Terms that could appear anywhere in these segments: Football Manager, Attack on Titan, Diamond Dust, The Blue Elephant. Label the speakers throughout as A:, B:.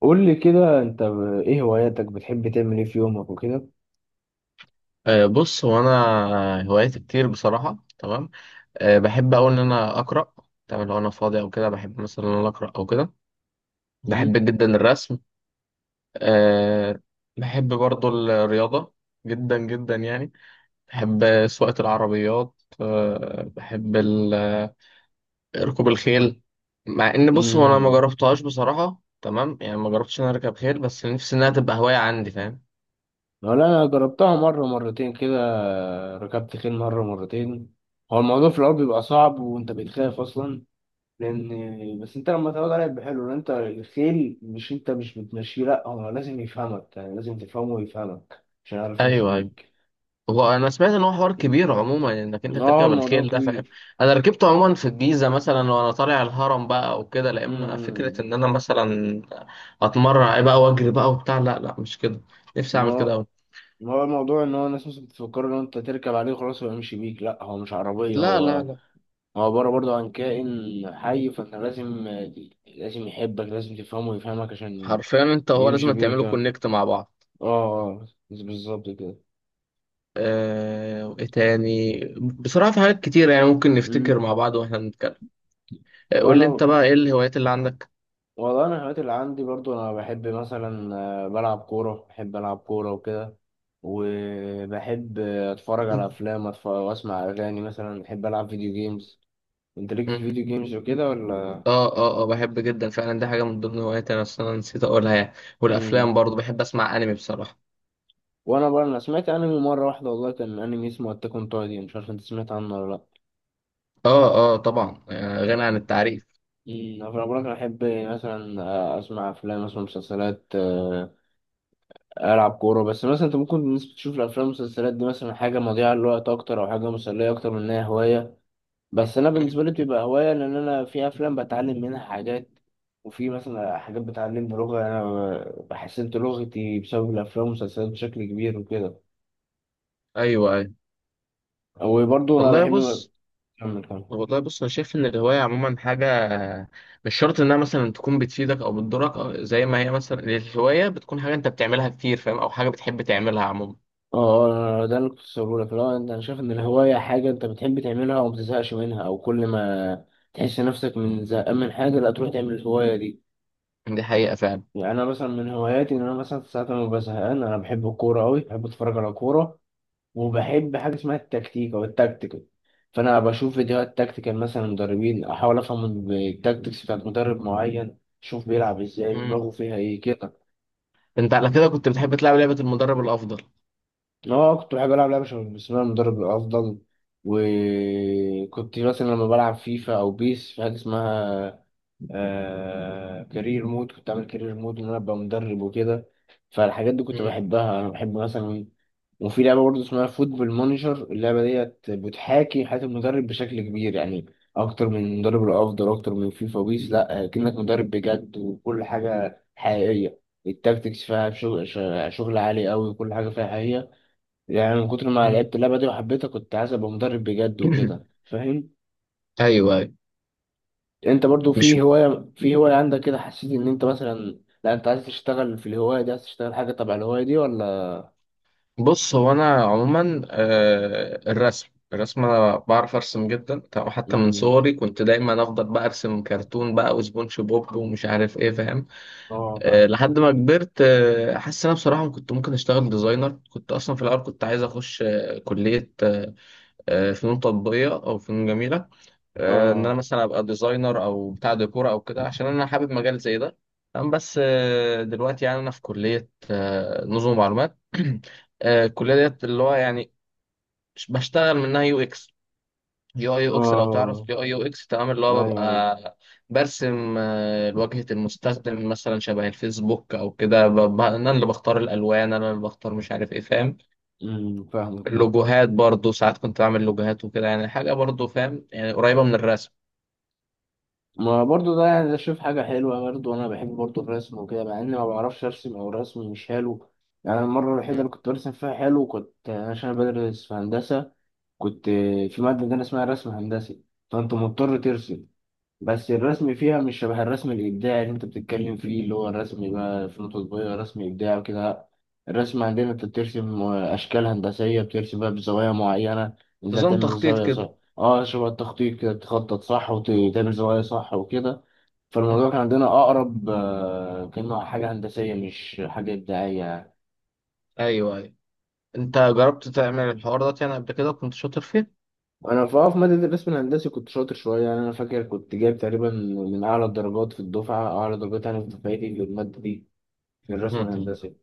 A: قول لي كده انت ايه هواياتك؟ بتحب تعمل ايه في يومك وكده؟
B: بص، هو انا هواياتي كتير بصراحه، تمام. بحب أوي ان انا اقرا. تمام، لو انا فاضي او كده بحب مثلا ان انا اقرا او كده.
A: مم.
B: بحب جدا الرسم. أه بحب برضو الرياضه، جدا جدا يعني. بحب سواقه العربيات. بحب ركوب الخيل. مع ان بص، هو انا ما
A: مم.
B: جربتهاش بصراحه، تمام يعني ما جربتش ان انا اركب خيل، بس نفسي انها تبقى هوايه عندي، فاهم؟
A: ولا انا جربتها مره مرتين كده. ركبت خيل مره مرتين. هو الموضوع في الاول بيبقى صعب وانت بتخاف اصلا، لان بس انت لما تقعد عليه بيبقى حلو، لان انت الخيل مش انت مش بتمشيه، لا هو لازم يفهمك، يعني لازم تفهمه ويفهمك عشان يعرف يمشي
B: ايوه، أيوة.
A: بيك.
B: هو انا سمعت ان هو حوار كبير عموما، انك انت
A: اه،
B: تركب
A: الموضوع
B: الخيل ده، فاهم؟
A: كبير.
B: انا ركبته عموما في الجيزه مثلا وانا طالع الهرم بقى وكده، لا، اما
A: مم.
B: فكره ان انا مثلا اتمرن بقى واجري بقى وبتاع، لا لا، مش كده. نفسي اعمل كده قوي.
A: هو الموضوع ان هو الناس مثلا بتفكر ان انت تركب عليه خلاص ويمشي بيك، لا هو مش عربيه
B: لا
A: هو.
B: لا لا.
A: هو عباره برضه عن كائن حي، فانت لازم يحبك، لازم تفهمه ويفهمك عشان
B: حرفيا انت، هو
A: يمشي
B: لازم
A: بيك.
B: تعملوا
A: اه.
B: كونكت مع بعض.
A: اه. آه، بالظبط كده.
B: وايه تاني؟ بصراحه في حاجات كتير، يعني ممكن نفتكر
A: مم.
B: مع بعض واحنا بنتكلم. قول لي
A: وانا
B: انت بقى، ايه الهوايات اللي عندك؟
A: والله انا الهوايات اللي عندي برضو انا بحب مثلا، بلعب كوره، بحب العب كوره وكده. وبحب اتفرج على افلام، واسمع اغاني، مثلا بحب العب فيديو جيمز. انت ليك في الفيديو جيمز وكده ولا؟
B: اه بحب جدا فعلا، دي حاجة من ضمن هواياتي، انا اصلا نسيت اقولها يعني. والافلام
A: مم.
B: برضو، بحب اسمع انمي بصراحة.
A: وانا بقى انا سمعت انمي مره واحده، والله كان انمي اسمه اتاك اون تايتن، مش عارف انت سمعت عنه ولا لا.
B: اه اه، طبعا، غني عن التعريف.
A: انا بقولك انا احب مثلا اسمع افلام، اسمع مسلسلات، العب كوره. بس مثلا انت ممكن الناس بتشوف الافلام والمسلسلات دي مثلا حاجه مضيعه للوقت اكتر، او حاجه مسليه اكتر من انها هوايه. بس انا
B: مم.
A: بالنسبه لي بتبقى هوايه، لان انا في افلام بتعلم منها حاجات، وفي مثلا حاجات بتعلمني لغه، انا حسنت لغتي بسبب الافلام والمسلسلات بشكل كبير وكده،
B: ايوه ايوه.
A: وبرضه انا
B: والله
A: بحب.
B: بص
A: كمل كمل.
B: والله بص، انا شايف ان الهواية عموما حاجة مش شرط انها مثلا تكون بتفيدك او بتضرك، أو زي ما هي مثلا الهواية بتكون حاجة انت بتعملها كتير، فاهم؟ او حاجة بتحب تعملها عموما.
A: اه، ده اللي كنت بقوله لك. لا انت، انا شايف ان الهوايه حاجه انت بتحب تعملها وما بتزهقش منها، او كل ما تحس نفسك من زهقان من حاجه لا تروح تعمل الهوايه دي.
B: دي حقيقة فعلا.
A: يعني انا مثلا من هواياتي ان انا مثلا ساعات لما ببقى زهقان، انا بحب الكوره قوي، بحب اتفرج على كوره. وبحب حاجه اسمها التكتيك او التكتيكال، فانا بشوف فيديوهات تكتيكال مثلا مدربين، احاول افهم التكتيكس بتاعت مدرب معين، اشوف بيلعب ازاي،
B: مم.
A: دماغه فيها ايه كده.
B: انت على كده كنت بتحب تلعب لعبة المدرب الافضل؟
A: اه، كنت بحب العب لعبه شبه بسم الله المدرب الافضل. وكنت مثلا لما بلعب فيفا او بيس في حاجه اسمها كارير مود، كنت اعمل كارير مود ان انا ابقى مدرب وكده. فالحاجات دي كنت
B: مم.
A: بحبها، انا بحب مثلا. وفي لعبه برضه اسمها فوتبول مانجر، اللعبه ديت بتحاكي حياه المدرب بشكل كبير، يعني اكتر من المدرب الافضل، اكتر من فيفا وبيس، لا كأنك مدرب بجد وكل حاجه حقيقيه. التاكتكس فيها شغل، شغل عالي قوي، وكل حاجه فيها حقيقيه. يعني من كتر ما
B: مم.
A: لعبت اللعبة دي وحبيتها كنت عايز ابقى مدرب بجد وكده فاهم.
B: ايوه، أيوة.
A: انت برضو
B: مش
A: في هواية عندك كده، حسيت ان انت مثلا، لا انت عايز تشتغل في الهواية دي، عايز تشتغل حاجة تبع الهواية دي ولا؟
B: بص، هو انا عموما، الرسم الرسم انا بعرف ارسم جدا، تمام. حتى من
A: مم.
B: صغري كنت دايما افضل بقى ارسم كرتون بقى وسبونج بوب ومش عارف ايه، فاهم؟
A: اه، فاهم.
B: لحد ما كبرت، حاسس إن انا بصراحه كنت ممكن اشتغل ديزاينر. كنت اصلا في الاول كنت عايز اخش كليه، فنون تطبيقيه او فنون جميله. ان
A: اه.
B: انا مثلا ابقى ديزاينر او بتاع ديكور او كده، عشان انا حابب مجال زي ده. تمام، بس دلوقتي يعني انا في كليه نظم معلومات. الكليه ديت اللي هو يعني بشتغل منها يو اكس. يو اي يو اكس، لو
A: اه.
B: تعرف يو اي يو اكس، تمام، اللي هو
A: ايوه ايوه.
B: ببقى برسم واجهه المستخدم، مثلا شبه الفيسبوك او كده، انا اللي بختار الالوان، انا اللي بختار مش عارف ايه، فاهم؟
A: فاهمك فاهم.
B: اللوجوهات برضو ساعات كنت بعمل لوجوهات وكده، يعني حاجه برضو، فاهم؟ يعني قريبه من الرسم.
A: ما برضو ده يعني، ده شوف حاجة حلوة برضو، أنا بحب برضو الرسم وكده مع إني ما بعرفش أرسم أو رسمي مش حلو. يعني المرة الوحيدة
B: م.
A: اللي كنت برسم فيها حلو كنت عشان أنا بدرس في هندسة، كنت في مادة عندنا اسمها رسم هندسي، فأنت مضطر ترسم. بس الرسم فيها مش شبه الرسم الإبداعي اللي أنت بتتكلم فيه، اللي هو الرسم بقى في نقطة صغيرة، رسم إبداعي وكده. لأ. الرسم عندنا أنت بترسم أشكال هندسية، بترسم بقى بزوايا معينة، إزاي
B: نظام
A: تعمل
B: تخطيط
A: الزاوية صح.
B: كده.
A: أه، شبه التخطيط كده، تخطط صح وتعمل زوايا صح وكده. فالموضوع
B: مم.
A: كان عندنا أقرب كأنه حاجة هندسية مش حاجة إبداعية.
B: ايوه ايوه. انت جربت تعمل الحوار ده يعني قبل كده؟ كنت شاطر فيه؟
A: انا في ماده الرسم الهندسي كنت شاطر شويه، يعني انا فاكر كنت جايب تقريبا من اعلى الدرجات في الدفعه، اعلى درجات يعني في دفعتي للماده دي، في الرسم
B: مم.
A: الهندسي.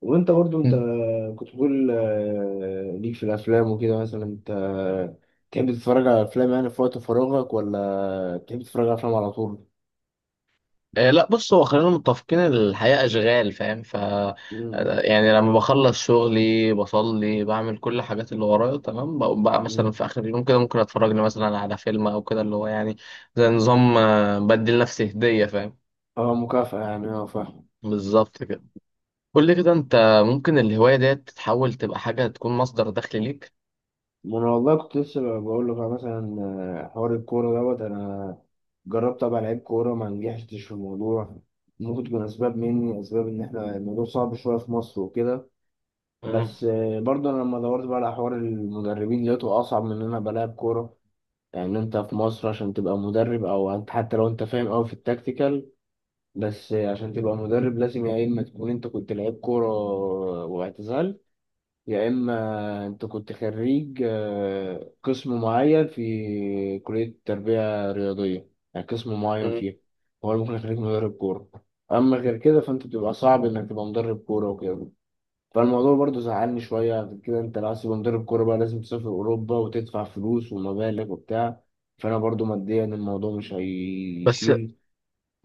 A: وانت برضو انت
B: مم.
A: كنت بتقول ليك في الافلام وكده، مثلا انت تحب تتفرج على افلام يعني في وقت فراغك، ولا تحب تتفرج على افلام على طول؟
B: آه، لا، بص، هو خلينا متفقين إن الحياة اشغال، فاهم؟ ف
A: امم.
B: يعني لما بخلص شغلي بصلي بعمل كل الحاجات اللي ورايا تمام، بقوم بقى مثلا
A: امم.
B: في اخر اليوم كده ممكن اتفرج لي مثلا على فيلم او كده، اللي هو يعني زي نظام بدي لنفسي هدية، فاهم؟
A: اه، مكافأة يعني. اه، فاهم.
B: بالظبط كده. قول لي كده انت، ممكن الهواية ديت تتحول تبقى حاجة تكون مصدر دخل ليك؟
A: ما انا والله كنت لسه بقول لك مثلا حوار الكوره دوت. انا جربت ابقى لعيب كوره، ما نجحتش في الموضوع، ممكن تكون اسباب مني، اسباب ان احنا الموضوع صعب شويه في مصر وكده.
B: مم.
A: بس برضه انا لما دورت بقى على حوار المدربين لقيته اصعب من ان انا ابقى لاعب كوره. يعني انت في مصر عشان تبقى مدرب، او انت حتى لو انت فاهم قوي في التكتيكال، بس عشان تبقى مدرب لازم يا اما تكون انت كنت لعيب كوره واعتزال، يا إما أنت كنت خريج قسم معين في كلية تربية رياضية، يعني قسم معين
B: مم.
A: فيها هو ممكن يخليك مدرب كورة. أما غير كده فأنت بتبقى صعب إنك تبقى مدرب كورة وكده. فالموضوع برضه زعلني شوية، عشان كده أنت لو عايز تبقى مدرب كورة بقى لازم تسافر أوروبا وتدفع فلوس ومبالغ وبتاع، فأنا برضه ماديا الموضوع مش
B: بس
A: هيشيل.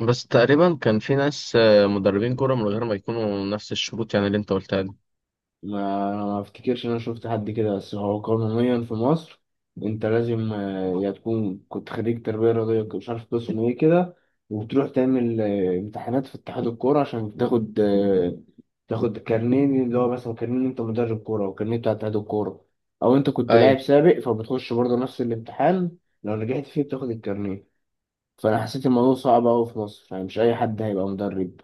B: بس تقريبا كان في ناس مدربين كورة، من غير ما يكونوا نفس الشروط يعني اللي انت قلتها دي.
A: ما افتكرش ان انا شفت حد كده. بس هو قانونيا في مصر انت لازم يا تكون كنت خريج تربية رياضية، مش عارف قسم ايه كده، وبتروح تعمل امتحانات في اتحاد الكورة عشان تاخد كارنيه، اللي هو مثلا كارنيه إن انت مدرب كورة، او كارنيه بتاع اتحاد الكورة، او انت كنت
B: ايوه.
A: لاعب سابق فبتخش برضه نفس الامتحان، لو نجحت فيه بتاخد الكارنيه. فانا حسيت الموضوع صعب قوي في مصر، يعني مش اي حد هيبقى مدرب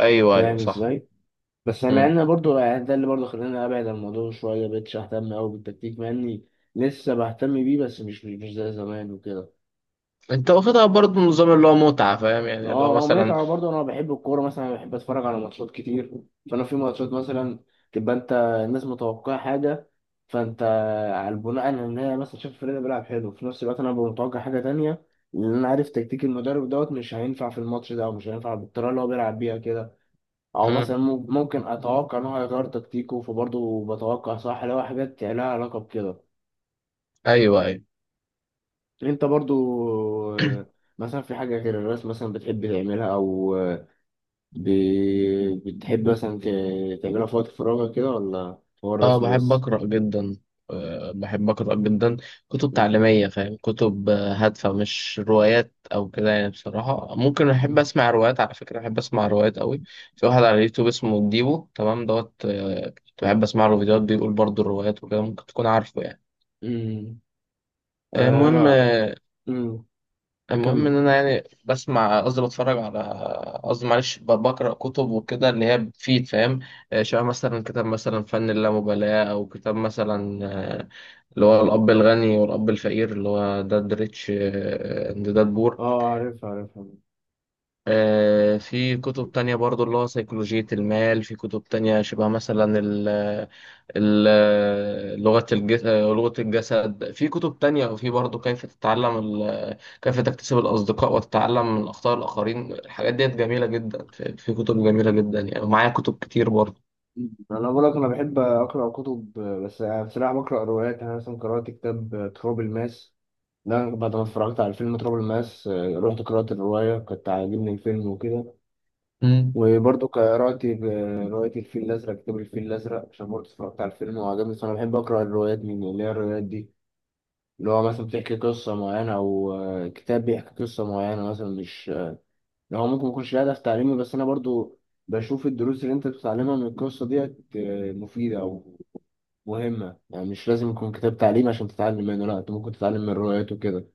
B: ايوه ايوه،
A: فاهم
B: صح.
A: ازاي. بس مع
B: مم.
A: ان برضو يعني ده اللي برضو خلاني ابعد عن الموضوع شويه، مبقتش اهتم قوي بالتكتيك، مع اني لسه بهتم بيه، بس مش زي زمان وكده.
B: انت واخدها برضه نظام اللي هو متعة، فاهم؟ يعني اللي هو
A: اه. اه،
B: مثلا.
A: متعه برضو، انا بحب الكوره مثلا، بحب اتفرج على ماتشات كتير. فانا في ماتشات مثلا تبقى انت، الناس متوقعه حاجه، فانت على البناء على ان هي مثلا شايف الفريق ده بيلعب حلو، في نفس الوقت انا ببقى متوقع حاجه تانية، لان انا عارف تكتيك المدرب دوت مش هينفع في الماتش ده، او مش هينفع بالطريقه اللي هو بيلعب بيها كده، او مثلا
B: مم.
A: ممكن اتوقع ان هو هيغير تكتيكه، فبرضه بتوقع صح لو حاجات لها علاقه بكده.
B: ايوه ايوه.
A: انت برضه آه، مثلا في حاجه غير الرسم مثلا بتحب تعملها، او ب... بتحب مثلا تعملها في وقت فراغك كده، ولا هو
B: اه،
A: الرسم
B: بحب
A: بس؟
B: اقرا جدا. بحب اقرا جدا، كتب
A: مم.
B: تعليمية، فاهم؟ كتب هادفة مش روايات او كده. يعني بصراحة ممكن احب
A: مم.
B: اسمع روايات. على فكرة، احب اسمع روايات قوي. في واحد على اليوتيوب اسمه ديبو، تمام، دوت، كنت بحب اسمع له فيديوهات بيقول برضه الروايات وكده، ممكن تكون عارفه يعني.
A: مم.
B: المهم،
A: انا. مم. كمل.
B: ان انا يعني بسمع، قصدي بتفرج على، قصدي معلش، بقرا كتب وكده اللي هي بتفيد، فاهم؟ شبه مثلا كتاب مثلا فن اللامبالاه، او كتاب مثلا آه، اللي هو الاب الغني والاب الفقير، اللي هو داد ريتش اند داد بور.
A: اه، عارف عارف عارف.
B: في كتب تانية برضو، اللي هو سيكولوجية المال. في كتب تانية شبه مثلا ال ال لغة الجسد، لغة الجسد. في كتب تانية، وفي برضو كيف تتعلم كيف تكتسب الأصدقاء، وتتعلم من أخطاء الآخرين. الحاجات ديت جميلة جدا، في كتب جميلة جدا يعني، ومعايا كتب كتير برضو.
A: انا بقول لك انا بحب اقرا كتب، بس بصراحه بقرا روايات. يعني انا مثلا قرات كتاب تراب الماس، لا بعد ما اتفرجت على فيلم تراب الماس رحت قرأت الرواية، كنت عاجبني الفيلم وكده.
B: مم.
A: وبرضه قرأت رواية الفيل الأزرق، كتاب الفيل الأزرق عشان برضه اتفرجت على الفيلم وعجبني. بس أنا بحب أقرأ الروايات من اللي هي الروايات دي اللي هو مثلا بتحكي قصة معينة، أو كتاب بيحكي قصة معينة مثلا، مش اللي هو ممكن يكونش ليه هدف تعليمي، بس أنا برضه بشوف الدروس اللي أنت بتتعلمها من القصة ديت مفيدة أو مهمة، يعني مش لازم يكون كتاب تعليمي عشان تتعلم منه، لا أنت ممكن تتعلم من الروايات وكده.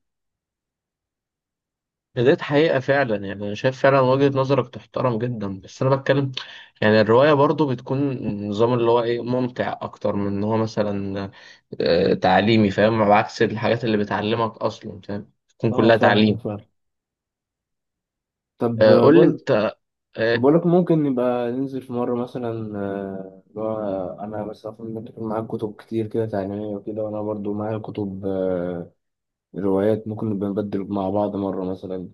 B: ديت حقيقة فعلا. يعني أنا شايف فعلا وجهة نظرك تحترم جدا، بس أنا بتكلم، يعني الرواية برضو بتكون نظام اللي هو إيه، ممتع أكتر من إن هو مثلا تعليمي، فاهم؟ على عكس الحاجات اللي بتعلمك أصلا، فاهم؟ بتكون
A: اه،
B: كلها
A: فاهمك
B: تعليم.
A: فاهم. طب
B: قول لي
A: بقول
B: أنت، آه،
A: بقولك ممكن نبقى ننزل في مرة مثلا اللي هو أنا بس أفهم إنك يكون معاك كتب كتير كده تعليمية وكده، وأنا برضو معايا كتب روايات، ممكن نبقى نبدل مع بعض مرة مثلا.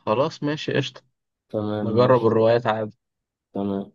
B: خلاص، ماشي، قشطة.
A: تمام
B: نجرب
A: ماشي.
B: الروايات عادي.
A: تمام.